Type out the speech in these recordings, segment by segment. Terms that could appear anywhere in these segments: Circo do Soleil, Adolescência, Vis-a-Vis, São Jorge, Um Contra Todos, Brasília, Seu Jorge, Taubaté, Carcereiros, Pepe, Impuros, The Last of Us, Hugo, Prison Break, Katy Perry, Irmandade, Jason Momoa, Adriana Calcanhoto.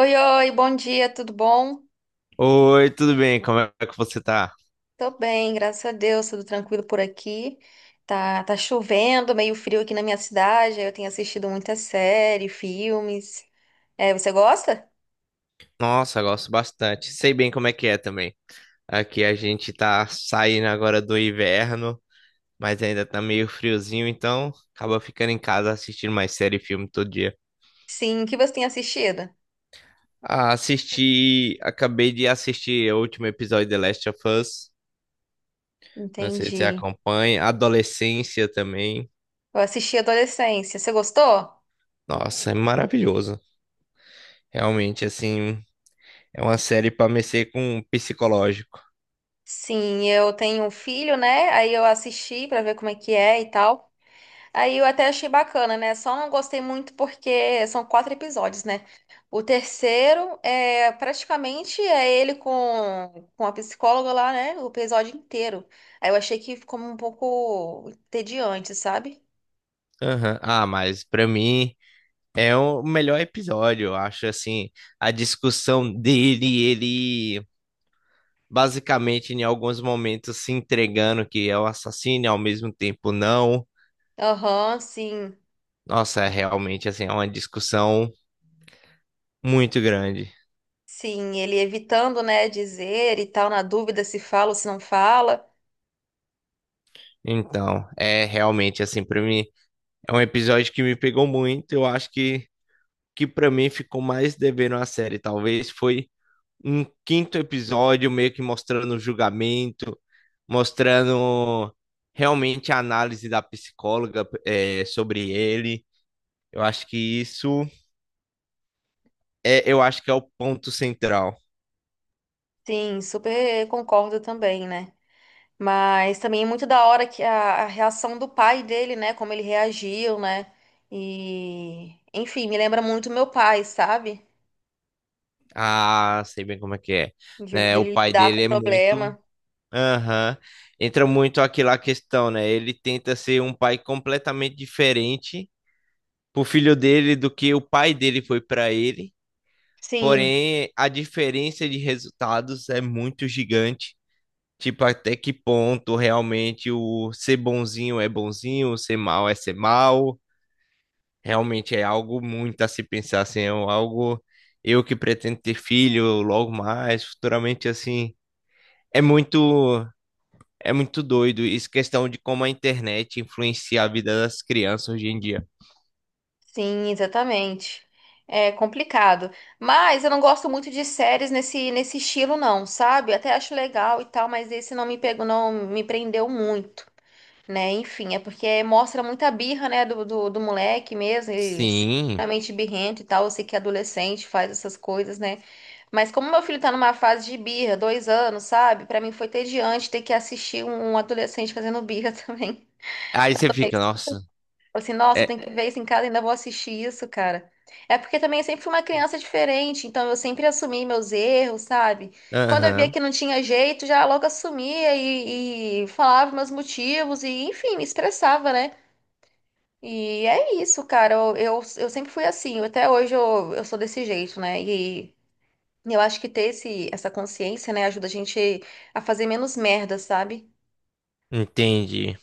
Oi, oi, bom dia, tudo bom? Oi, tudo bem? Como é que você tá? Tô bem, graças a Deus, tudo tranquilo por aqui. Tá chovendo, meio frio aqui na minha cidade. Eu tenho assistido muita série, filmes. É, você gosta? Nossa, gosto bastante. Sei bem como é que é também. Aqui a gente tá saindo agora do inverno, mas ainda tá meio friozinho, então acaba ficando em casa assistindo mais série e filme todo dia. Sim, o que você tem assistido? Ah, assisti, acabei de assistir o último episódio de The Last of Us. Não sei se você Entendi. acompanha. Adolescência também. Eu assisti Adolescência. Você gostou? Nossa, é maravilhoso. Realmente, assim, é uma série pra mexer com o psicológico. Sim, eu tenho um filho, né? Aí eu assisti pra ver como é que é e tal. Aí eu até achei bacana, né? Só não gostei muito porque são quatro episódios, né? O terceiro é praticamente ele com a psicóloga lá, né? O episódio inteiro. Aí eu achei que ficou um pouco entediante, sabe? Aham. Ah, mas pra mim. É o melhor episódio, eu acho, assim, a discussão dele, ele basicamente em alguns momentos se entregando que é o assassino e ao mesmo tempo não. Aham, sim, Nossa, é realmente, assim, é uma discussão muito grande. sim. Ele evitando, né, dizer e tal, na dúvida se fala ou se não fala. Então, é realmente, assim, pra mim, é um episódio que me pegou muito, eu acho que para mim ficou mais devendo a série, talvez foi um quinto episódio meio que mostrando o julgamento, mostrando realmente a análise da psicóloga, é, sobre ele. Eu acho que isso é, eu acho que é o ponto central. Sim, super concordo também, né? Mas também é muito da hora que a reação do pai dele, né? Como ele reagiu, né? E, enfim, me lembra muito meu pai, sabe? Ah, sei bem como é que é. O jeito Né, o dele pai lidar com dele o é muito. problema. Aham. Entra muito aquela questão, né? Ele tenta ser um pai completamente diferente pro filho dele do que o pai dele foi para ele. Sim, Porém, a diferença de resultados é muito gigante. Tipo, até que ponto realmente o ser bonzinho é bonzinho, ser mal é ser mal. Realmente é algo muito a se pensar, assim, é algo eu que pretendo ter filho logo mais, futuramente assim. É muito, é muito doido isso, questão de como a internet influencia a vida das crianças hoje em dia. sim, exatamente. É complicado. Mas eu não gosto muito de séries nesse estilo, não, sabe? Até acho legal e tal, mas esse não me pegou, não me prendeu muito, né? Enfim, é porque mostra muita birra, né, do moleque mesmo, ele Sim. extremamente birrento e tal. Eu sei que é adolescente faz essas coisas, né? Mas como meu filho tá numa fase de birra, dois anos, sabe? Pra mim foi tediante ter que assistir um adolescente fazendo birra também. Aí você fica, nossa, Falei assim, nossa, eu tenho é, que ver isso em casa, ainda vou assistir isso, cara. É porque também eu sempre fui uma criança diferente, então eu sempre assumi meus erros, sabe? Quando eu via aham, que não tinha jeito, já logo assumia e falava meus motivos e, enfim, me expressava, né? E é isso, cara. Eu sempre fui assim. Até hoje eu sou desse jeito, né? E eu acho que ter essa consciência, né, ajuda a gente a fazer menos merda, sabe? entendi.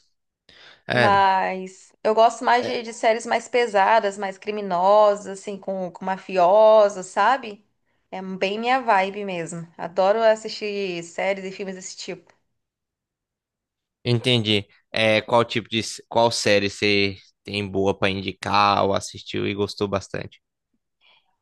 É. Mas eu gosto mais É. de séries mais pesadas, mais criminosas, assim, com mafiosos, sabe? É bem minha vibe mesmo. Adoro assistir séries e filmes desse tipo. Entendi. É, qual tipo de, qual série você tem boa pra indicar ou assistiu e gostou bastante?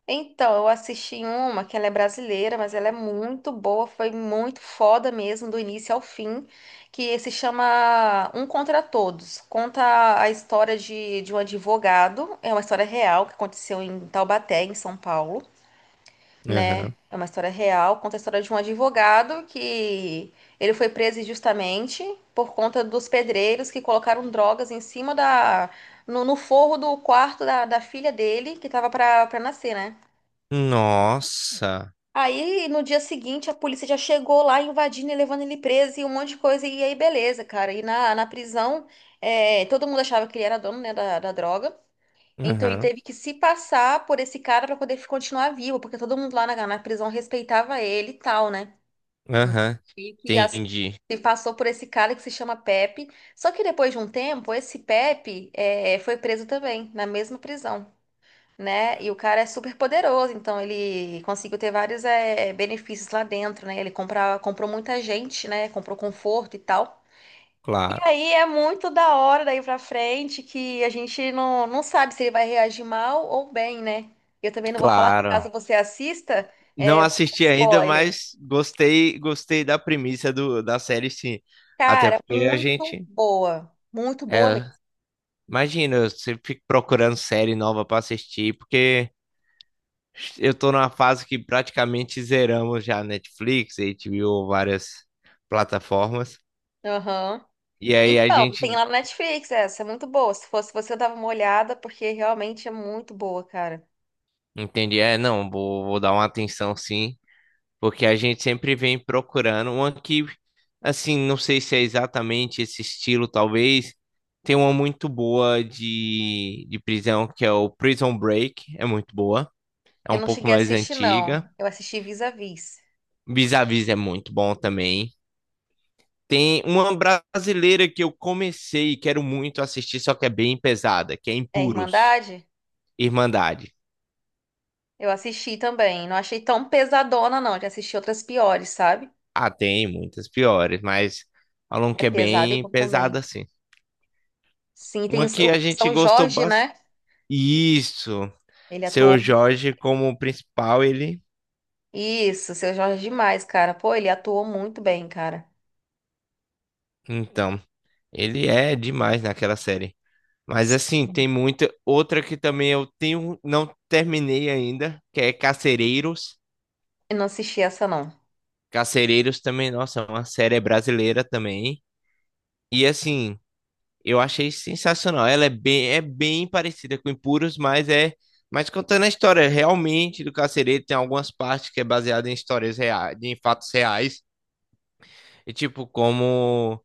Então, eu assisti uma que ela é brasileira, mas ela é muito boa, foi muito foda mesmo, do início ao fim, que se chama Um Contra Todos. Conta a história de um advogado, é uma história real que aconteceu em Taubaté, em São Paulo, né? Aham. É uma história real, conta a história de um advogado que ele foi preso injustamente por conta dos pedreiros que colocaram drogas em cima no forro do quarto da filha dele, que tava pra nascer, né? Nossa. Aí, no dia seguinte, a polícia já chegou lá invadindo e levando ele preso e um monte de coisa. E aí, beleza, cara. E na prisão, todo mundo achava que ele era dono, né, da droga. Então, ele Aham. teve que se passar por esse cara para poder continuar vivo, porque todo mundo lá na prisão respeitava ele e tal, né? Aham. E que assim, Entendi. ele passou por esse cara que se chama Pepe. Só que depois de um tempo, esse Pepe, foi preso também, na mesma prisão, né? E o cara é super poderoso, então ele conseguiu ter vários benefícios lá dentro, né? Ele comprou muita gente, né? Comprou conforto e tal. E Claro. aí é muito da hora daí pra frente que a gente não sabe se ele vai reagir mal ou bem, né? Eu também não vou falar Claro. caso você assista, Não eu vou dar assisti ainda, spoiler. mas gostei, gostei da premissa do, da série, sim. Até Cara, porque a muito gente, boa. Muito boa mesmo. é, imagina, eu sempre fico procurando série nova pra assistir, porque eu tô numa fase que praticamente zeramos já Netflix, HBO, várias plataformas. Aham. E aí a Então, gente tem lá no Netflix essa, é muito boa. Se fosse você, eu dava uma olhada, porque realmente é muito boa, cara. entende, é, não, vou, vou dar uma atenção sim. Porque a gente sempre vem procurando uma que, assim, não sei se é exatamente esse estilo, talvez. Tem uma muito boa de prisão, que é o Prison Break, é muito boa. É Eu um não pouco cheguei a mais assistir, antiga. não. Eu assisti Vis-a-Vis. Vis-a-Vis é muito bom também. Tem uma brasileira que eu comecei e quero muito assistir, só que é bem pesada, que é É Impuros, Irmandade? Irmandade. Eu assisti também. Não achei tão pesadona, não. Já assisti outras piores, sabe? Ah, tem muitas piores, mas falam É que é pesado bem igual pesada também. assim. Sim, tem o Uma que a gente São gostou Jorge, né? Isso. Ele Seu atuou. Jorge como principal, ele. Isso, Seu Jorge é demais, cara. Pô, ele atuou muito bem, cara. Então, ele é demais naquela série. Mas assim, tem muita. Outra que também eu tenho. Não terminei ainda, que é Carcereiros. Eu não assisti essa, não. Carcereiros também, nossa, é uma série brasileira também. E assim, eu achei sensacional. Ela é bem parecida com Impuros, mas é. Mas contando a história realmente do carcereiro, tem algumas partes que é baseada em histórias reais, em fatos reais. E tipo, como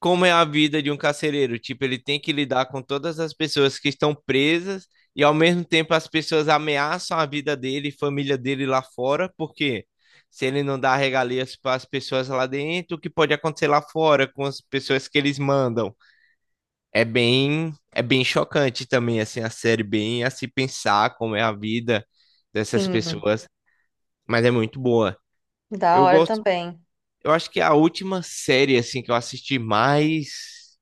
como é a vida de um carcereiro. Tipo, ele tem que lidar com todas as pessoas que estão presas e ao mesmo tempo as pessoas ameaçam a vida dele e família dele lá fora, porque se ele não dá regalias para as pessoas lá dentro, o que pode acontecer lá fora com as pessoas que eles mandam? É bem chocante também assim a série, bem a se pensar como é a vida dessas Sim, pessoas, mas é muito boa. da Eu hora gosto, também. eu acho que é a última série assim que eu assisti mais,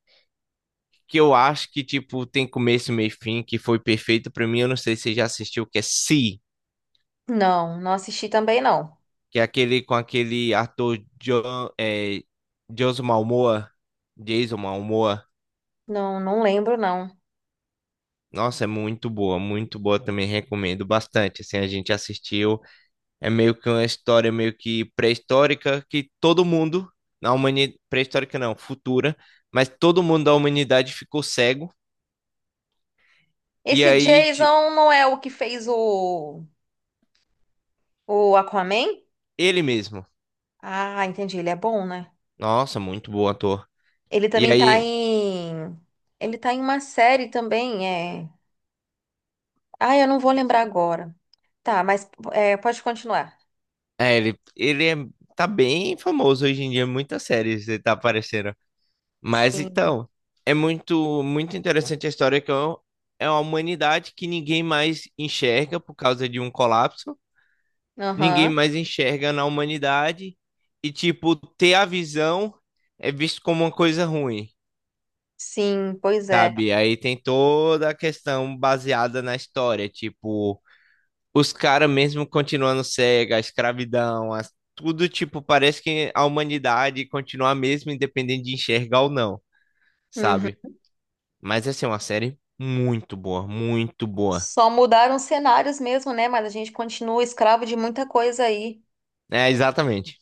que eu acho que, tipo, tem começo, meio e fim, que foi perfeito pra mim. Eu não sei se você já assistiu, que é Si, Não, não assisti também, não. que é aquele com aquele ator John, é, Jason Momoa, Jason Momoa. Não, não lembro, não. Nossa, é muito boa também, recomendo bastante. Assim, a gente assistiu, é meio que uma história meio que pré-histórica que todo mundo na humanidade, pré-histórica não, futura, mas todo mundo da humanidade ficou cego e Esse aí, tipo, Jason não é o que fez o Aquaman? ele mesmo. Ah, entendi. Ele é bom, né? Nossa, muito bom ator. Ele E também tá aí, em. Ele tá em uma série também, é. Ah, eu não vou lembrar agora. Tá, mas pode continuar. é, ele é, tá bem famoso hoje em dia, muitas séries ele tá aparecendo. Mas Sim. então, é muito, muito interessante a história que é é uma humanidade que ninguém mais enxerga por causa de um colapso, ninguém Aham. mais enxerga na humanidade e tipo, ter a visão é visto como uma coisa ruim, Sim, pois é. sabe? Aí tem toda a questão baseada na história, tipo os caras mesmo continuando cega, a escravidão, tudo, tipo, parece que a humanidade continua a mesma, independente de enxergar ou não, sabe? Uhum. Mas assim, é uma série muito boa, muito boa. Só mudaram os cenários mesmo, né? Mas a gente continua escravo de muita coisa aí. É, exatamente.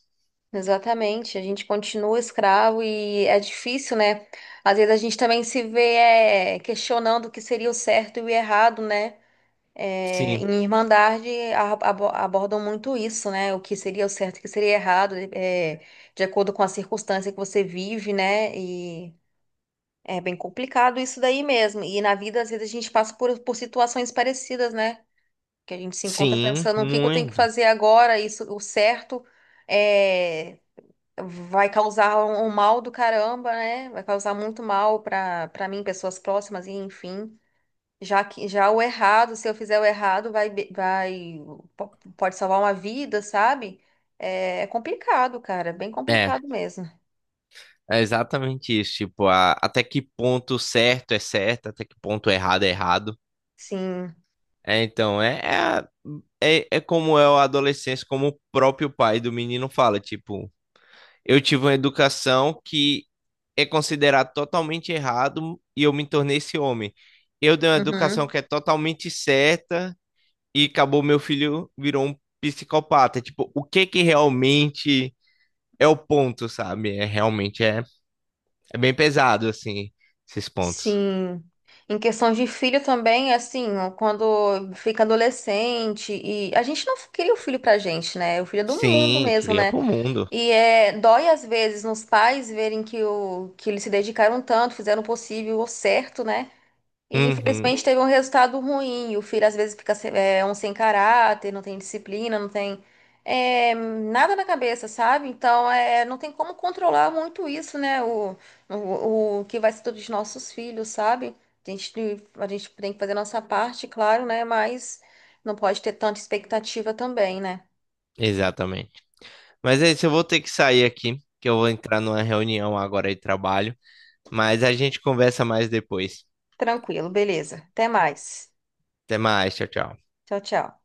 Exatamente. A gente continua escravo e é difícil, né? Às vezes a gente também se vê questionando o que seria o certo e o errado, né? É, Sim, em Irmandade abordam muito isso, né? O que seria o certo, o que seria errado, de acordo com a circunstância que você vive, né? E é bem complicado isso daí mesmo. E na vida, às vezes, a gente passa por situações parecidas, né? Que a gente se encontra sim, pensando o que que eu tenho que muito. fazer agora, isso, o certo é, vai causar um mal do caramba, né? Vai causar muito mal para mim, pessoas próximas, e enfim. Já que já o errado, se eu fizer o errado, vai be- vai po- pode salvar uma vida, sabe? É complicado, cara, bem É, complicado mesmo. é exatamente isso. Tipo, até que ponto certo é certo, até que ponto errado. Sim. É, então, é, é, é, é como é o adolescência, como o próprio pai do menino fala, tipo, eu tive uma educação que é considerado totalmente errado e eu me tornei esse homem. Eu dei uma educação Uhum. que é totalmente certa e acabou meu filho virou um psicopata. Tipo, o que que realmente é o ponto, sabe? É realmente é, é bem pesado assim esses pontos. Sim. Em questão de filho também, assim, ó, quando fica adolescente e a gente não cria o filho pra gente, né? O filho é do mundo Sim, mesmo, cria né? pro mundo. E dói às vezes nos pais verem que eles se dedicaram tanto, fizeram o possível, o certo, né? E Uhum, infelizmente teve um resultado ruim. E o filho às vezes fica um sem caráter, não tem disciplina, não tem nada na cabeça, sabe? Então não tem como controlar muito isso, né? O que vai ser dos nossos filhos, sabe? A gente, a gente tem que fazer a nossa parte, claro, né? Mas não pode ter tanta expectativa também, né? exatamente. Mas é isso, eu vou ter que sair aqui, que eu vou entrar numa reunião agora de trabalho, mas a gente conversa mais depois. Tranquilo, beleza. Até mais. Até mais, tchau, tchau. Tchau, tchau.